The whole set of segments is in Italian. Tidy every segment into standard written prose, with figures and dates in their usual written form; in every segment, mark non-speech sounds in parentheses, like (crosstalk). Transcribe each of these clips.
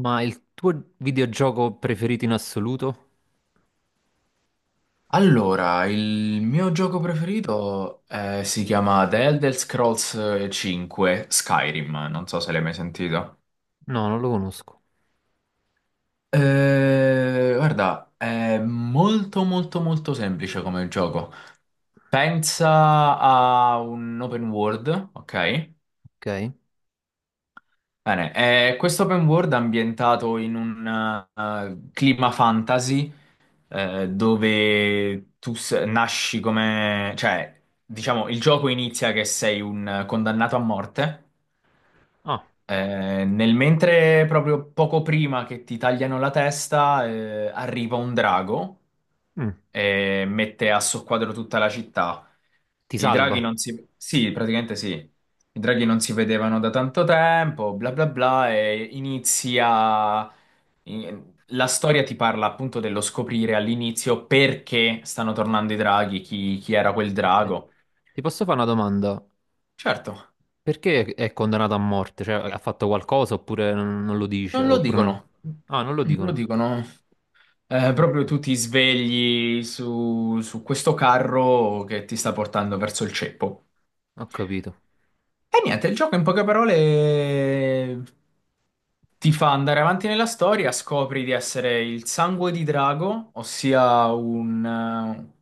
Ma il tuo videogioco preferito in assoluto? Allora, il mio gioco preferito si chiama The Elder Scrolls 5 Skyrim, non so se l'hai mai sentito. No, non lo conosco. Guarda, è molto molto molto semplice come gioco. Pensa a un open world, ok? Ok. Bene, è questo open world è ambientato in un clima fantasy dove tu nasci come... Cioè, diciamo, il gioco inizia che sei un condannato a morte Ah, nel mentre, proprio poco prima che ti tagliano la testa, arriva un drago mm. e mette a soqquadro tutta la città. Ti I draghi salva. non si... Sì, praticamente sì. I draghi non si vedevano da tanto tempo, bla bla bla, e inizia... La storia ti parla appunto dello scoprire all'inizio perché stanno tornando i draghi, chi era quel Ok. drago. Ti posso fare una domanda? Certo, Perché è condannato a morte? Cioè, ha fatto qualcosa oppure non lo dice? non lo Oppure non. dicono. Ah, non lo Non lo dicono. dicono. Eh, Ok, proprio tu ti svegli su questo carro che ti sta portando verso il ceppo. ho capito. E niente, il gioco in poche parole ti fa andare avanti nella storia, scopri di essere il sangue di drago, ossia un, eh,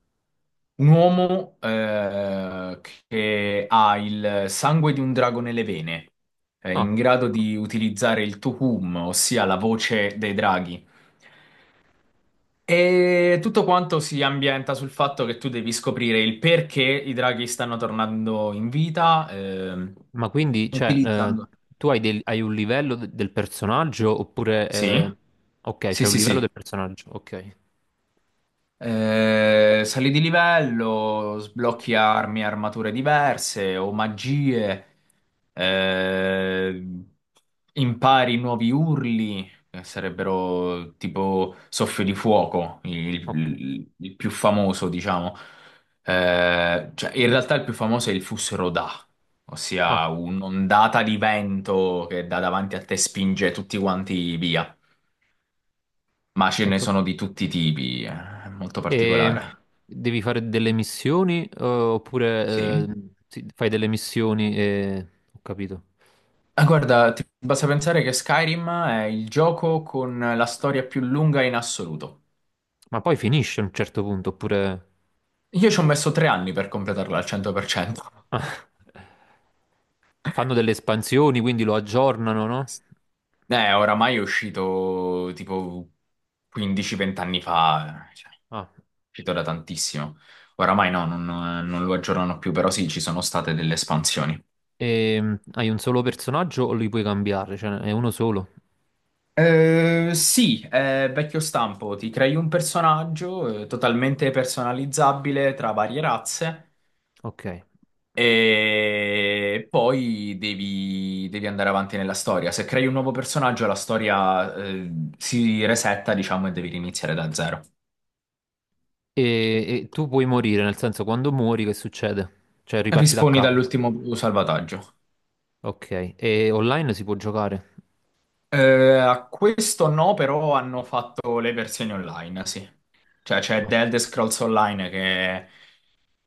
un uomo che ha il sangue di un drago nelle vene, Ah, in grado di utilizzare il Tuhum, ossia la voce dei draghi. E tutto quanto si ambienta sul fatto che tu devi scoprire il perché i draghi stanno tornando in vita, ma quindi, cioè, utilizzando. tu hai, hai un livello del personaggio oppure. Sì, Ok, sì, c'è un sì, livello sì. del personaggio. Ok, Sali di livello, sblocchi armi, e armature diverse o magie, eh, impari nuovi urli, che sarebbero tipo soffio di fuoco, il, ok. il- il più famoso, diciamo. Cioè, in realtà il più famoso è il Fusroda, Ah, ossia un'ondata di vento che da davanti a te spinge tutti quanti via. Ma ce ne ok. sono di tutti i tipi, è molto E particolare. devi fare delle missioni oppure Sì. Sì, fai delle missioni e. Ho capito. Ah, guarda, ti basta pensare che Skyrim è il gioco con la storia più lunga in assoluto. Ma poi finisce a un certo punto oppure. Io ci ho messo 3 anni per completarla al 100%. (laughs) Ah. Fanno delle espansioni, quindi lo aggiornano, no? Oramai è uscito tipo 15-20 anni fa, cioè, è Ah. uscito da tantissimo. Oramai no, non lo aggiornano più, però sì, ci sono state delle espansioni. E hai un solo personaggio o li puoi cambiare? Cioè è uno solo? Sì, è vecchio stampo, ti crei un personaggio totalmente personalizzabile tra varie razze. Ok. E, E poi devi andare avanti nella storia. Se crei un nuovo personaggio, la storia, si resetta, diciamo, e devi riniziare da zero. e tu puoi morire, nel senso quando muori che succede? Cioè riparti da Risponi capo. dall'ultimo salvataggio. Ok. E online si può giocare? A questo no, però hanno fatto le versioni online, sì. Cioè c'è Ah, The Elder Scrolls Online che...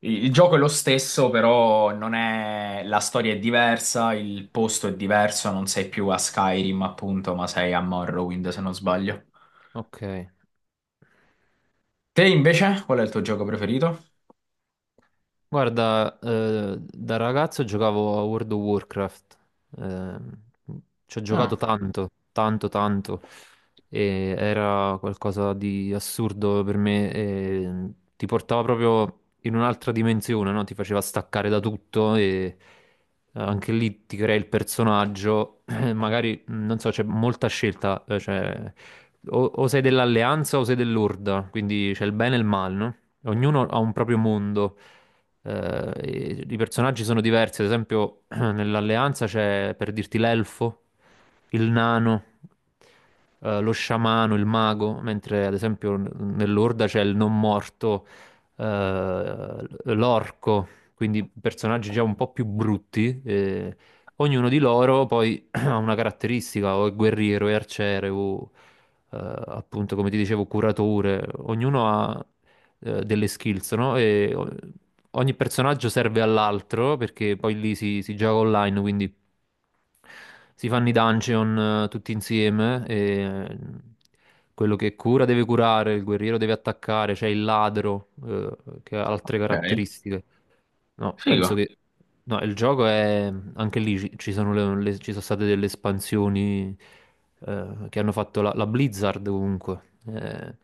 Il gioco è lo stesso, però non è... La storia è diversa, il posto è diverso, non sei più a Skyrim, appunto, ma sei a Morrowind, se non sbaglio. ok. Te invece, qual è il tuo gioco preferito? Guarda, da ragazzo giocavo a World of Warcraft, ehm, ci ho giocato Ah, tanto, tanto, tanto, e era qualcosa di assurdo per me, e ti portava proprio in un'altra dimensione, no? Ti faceva staccare da tutto e anche lì ti crei il personaggio, (clears throat) magari, non so, c'è molta scelta, cioè, o sei dell'alleanza o sei dell'orda, quindi c'è il bene e il male, no? Ognuno ha un proprio mondo e i personaggi sono diversi, ad esempio (clears throat) nell'Alleanza c'è, per dirti, l'elfo, il nano, lo sciamano, il mago, mentre ad esempio nell'Orda c'è il non morto, l'orco, quindi personaggi già un po' più brutti. E ognuno di loro poi ha una caratteristica, o è guerriero, è arciere, o eh, appunto, come ti dicevo, curatore. Ognuno ha delle skills, no? E ogni personaggio serve all'altro perché poi lì si gioca online, quindi si fanno i dungeon tutti insieme e eh, quello che cura deve curare, il guerriero deve attaccare, c'è il ladro che ha altre ok. caratteristiche. No, penso Figo. che no, il gioco è anche lì ci sono, ci sono state delle espansioni che hanno fatto la Blizzard comunque. Eh,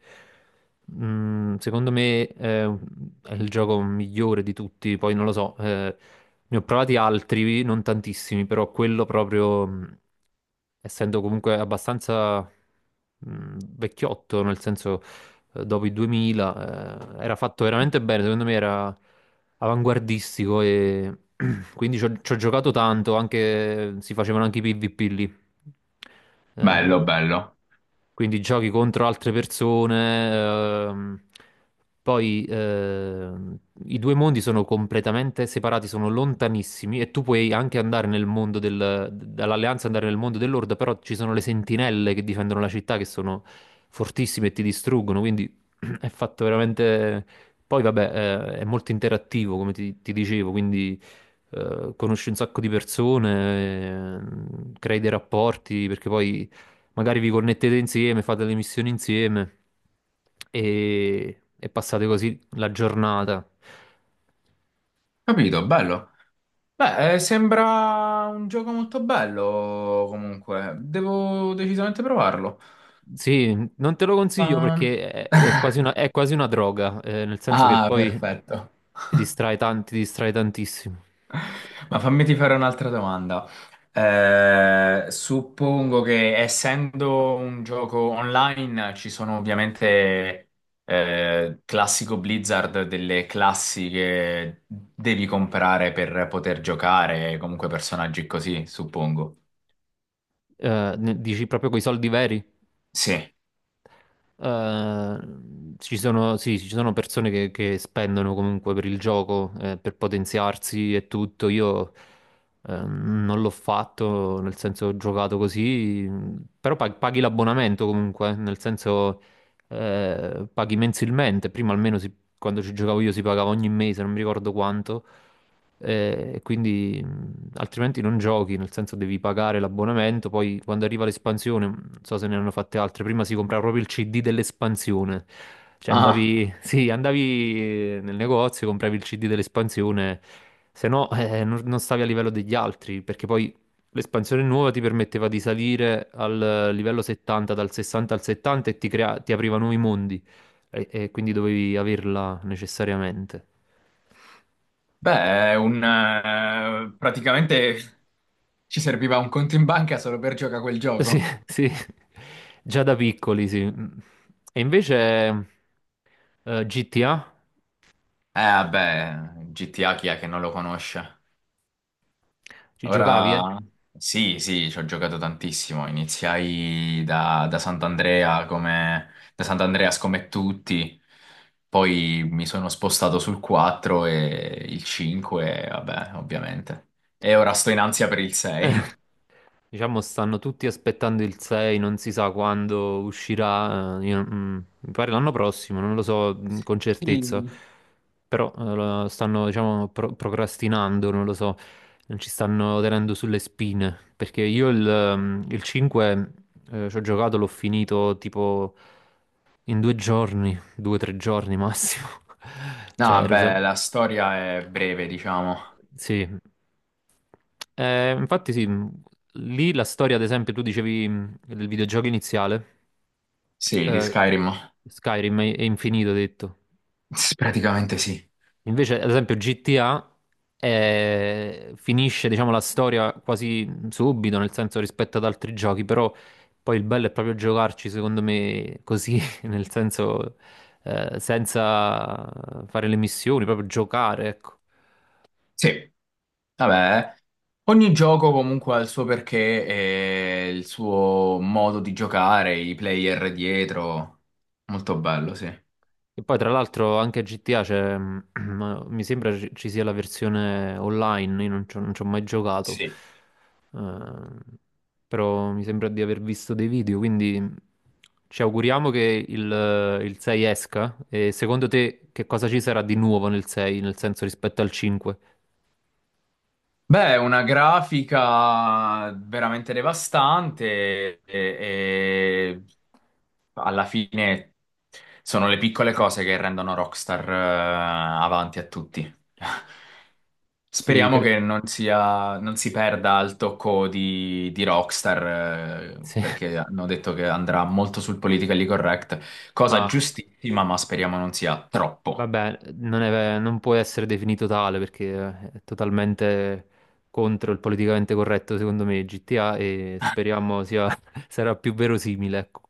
mm, secondo me è il gioco migliore di tutti, poi non lo so. Ne ho provati altri, non tantissimi, però quello proprio, essendo comunque abbastanza vecchiotto, nel senso dopo i 2000, era fatto veramente bene, secondo me era avanguardistico e (clears throat) quindi ci ho giocato tanto, anche, si facevano anche i PvP lì, eh, Bello, bello. quindi giochi contro altre persone. ehm, poi, i due mondi sono completamente separati, sono lontanissimi e tu puoi anche andare nel mondo dall'Alleanza, andare nel mondo dell'Orda, però ci sono le sentinelle che difendono la città che sono fortissime e ti distruggono, quindi (clears throat) è fatto veramente. Poi vabbè, è molto interattivo, come ti dicevo, quindi conosci un sacco di persone, crei dei rapporti, perché poi magari vi connettete insieme, fate le missioni insieme e passate così la giornata. Capito, bello. Beh, sembra un gioco molto bello comunque. Devo decisamente provarlo. Sì, non te lo consiglio Ma- perché è quasi una, (laughs) è quasi una droga, nel senso che Ah, poi perfetto. (laughs) Ti distrae tantissimo. Ma fammi ti fare un'altra domanda. Suppongo che essendo un gioco online ci sono ovviamente classico Blizzard delle classi che devi comprare per poter giocare, comunque personaggi così, suppongo. Dici proprio coi soldi veri? Sì. Eh, sì, ci sono persone che spendono comunque per il gioco, per potenziarsi e tutto. Io non l'ho fatto, nel senso ho giocato così, però paghi l'abbonamento comunque, nel senso paghi mensilmente. Prima almeno quando ci giocavo io si pagava ogni mese, non mi ricordo quanto. Quindi altrimenti non giochi, nel senso devi pagare l'abbonamento, poi quando arriva l'espansione, non so se ne hanno fatte altre, prima si comprava proprio il CD dell'espansione, cioè Ah, andavi, (laughs) sì, andavi nel negozio, compravi il CD dell'espansione, se no non stavi a livello degli altri, perché poi l'espansione nuova ti permetteva di salire al livello 70, dal 60 al 70 e ti apriva nuovi mondi, e quindi dovevi averla necessariamente. beh, è praticamente ci serviva un conto in banca solo per giocare a quel Sì, gioco. (laughs) sì, già da piccoli, sì. E invece GTA, Vabbè, GTA chi è che non lo conosce? ci giocavi? Eh? Ora sì, sì, ci ho giocato tantissimo. Iniziai da Sant'Andreas come tutti, poi mi sono spostato sul 4 e il 5, vabbè, ovviamente. E ora sto in ansia per il 6. Diciamo, stanno tutti aspettando il 6, non si sa quando uscirà. Mi pare l'anno prossimo, non lo so con certezza. Mm. Però lo stanno, diciamo, procrastinando, non lo so. Non ci stanno tenendo sulle spine. Perché io il 5 ci ho giocato, l'ho finito tipo in 2 giorni, 2 o 3 giorni massimo. (laughs) No, Cioè, ero vabbè, sempre. la storia è breve, diciamo. Sì, infatti sì, lì la storia, ad esempio, tu dicevi del videogioco iniziale, Sì, di eh, Skyrim. Skyrim è infinito, hai detto. Sì, praticamente sì. Invece, ad esempio, GTA finisce, diciamo, la storia quasi subito, nel senso rispetto ad altri giochi, però poi il bello è proprio giocarci, secondo me, così, (laughs) nel senso, senza fare le missioni, proprio giocare, ecco. Sì. Vabbè, ogni gioco comunque ha il suo perché e il suo modo di giocare, i player dietro. Molto bello, sì. E poi tra l'altro anche GTA c'è, (clears throat) mi sembra ci sia la versione online, io non ci ho mai giocato. Sì. Eh, però mi sembra di aver visto dei video, quindi ci auguriamo che il 6 esca. E secondo te che cosa ci sarà di nuovo nel 6, nel senso rispetto al 5? Beh, una grafica veramente devastante e alla fine sono le piccole cose che rendono Rockstar, avanti a tutti. (laughs) Sì, Speriamo che non sia, non si perda il tocco di Rockstar, sì. (laughs) perché hanno detto che andrà molto sul politically correct, cosa Ah, giustissima, ma speriamo non sia troppo. vabbè, non può essere definito tale perché è totalmente contro il politicamente corretto, secondo me, GTA e speriamo sia, (laughs) sarà più verosimile. Ecco.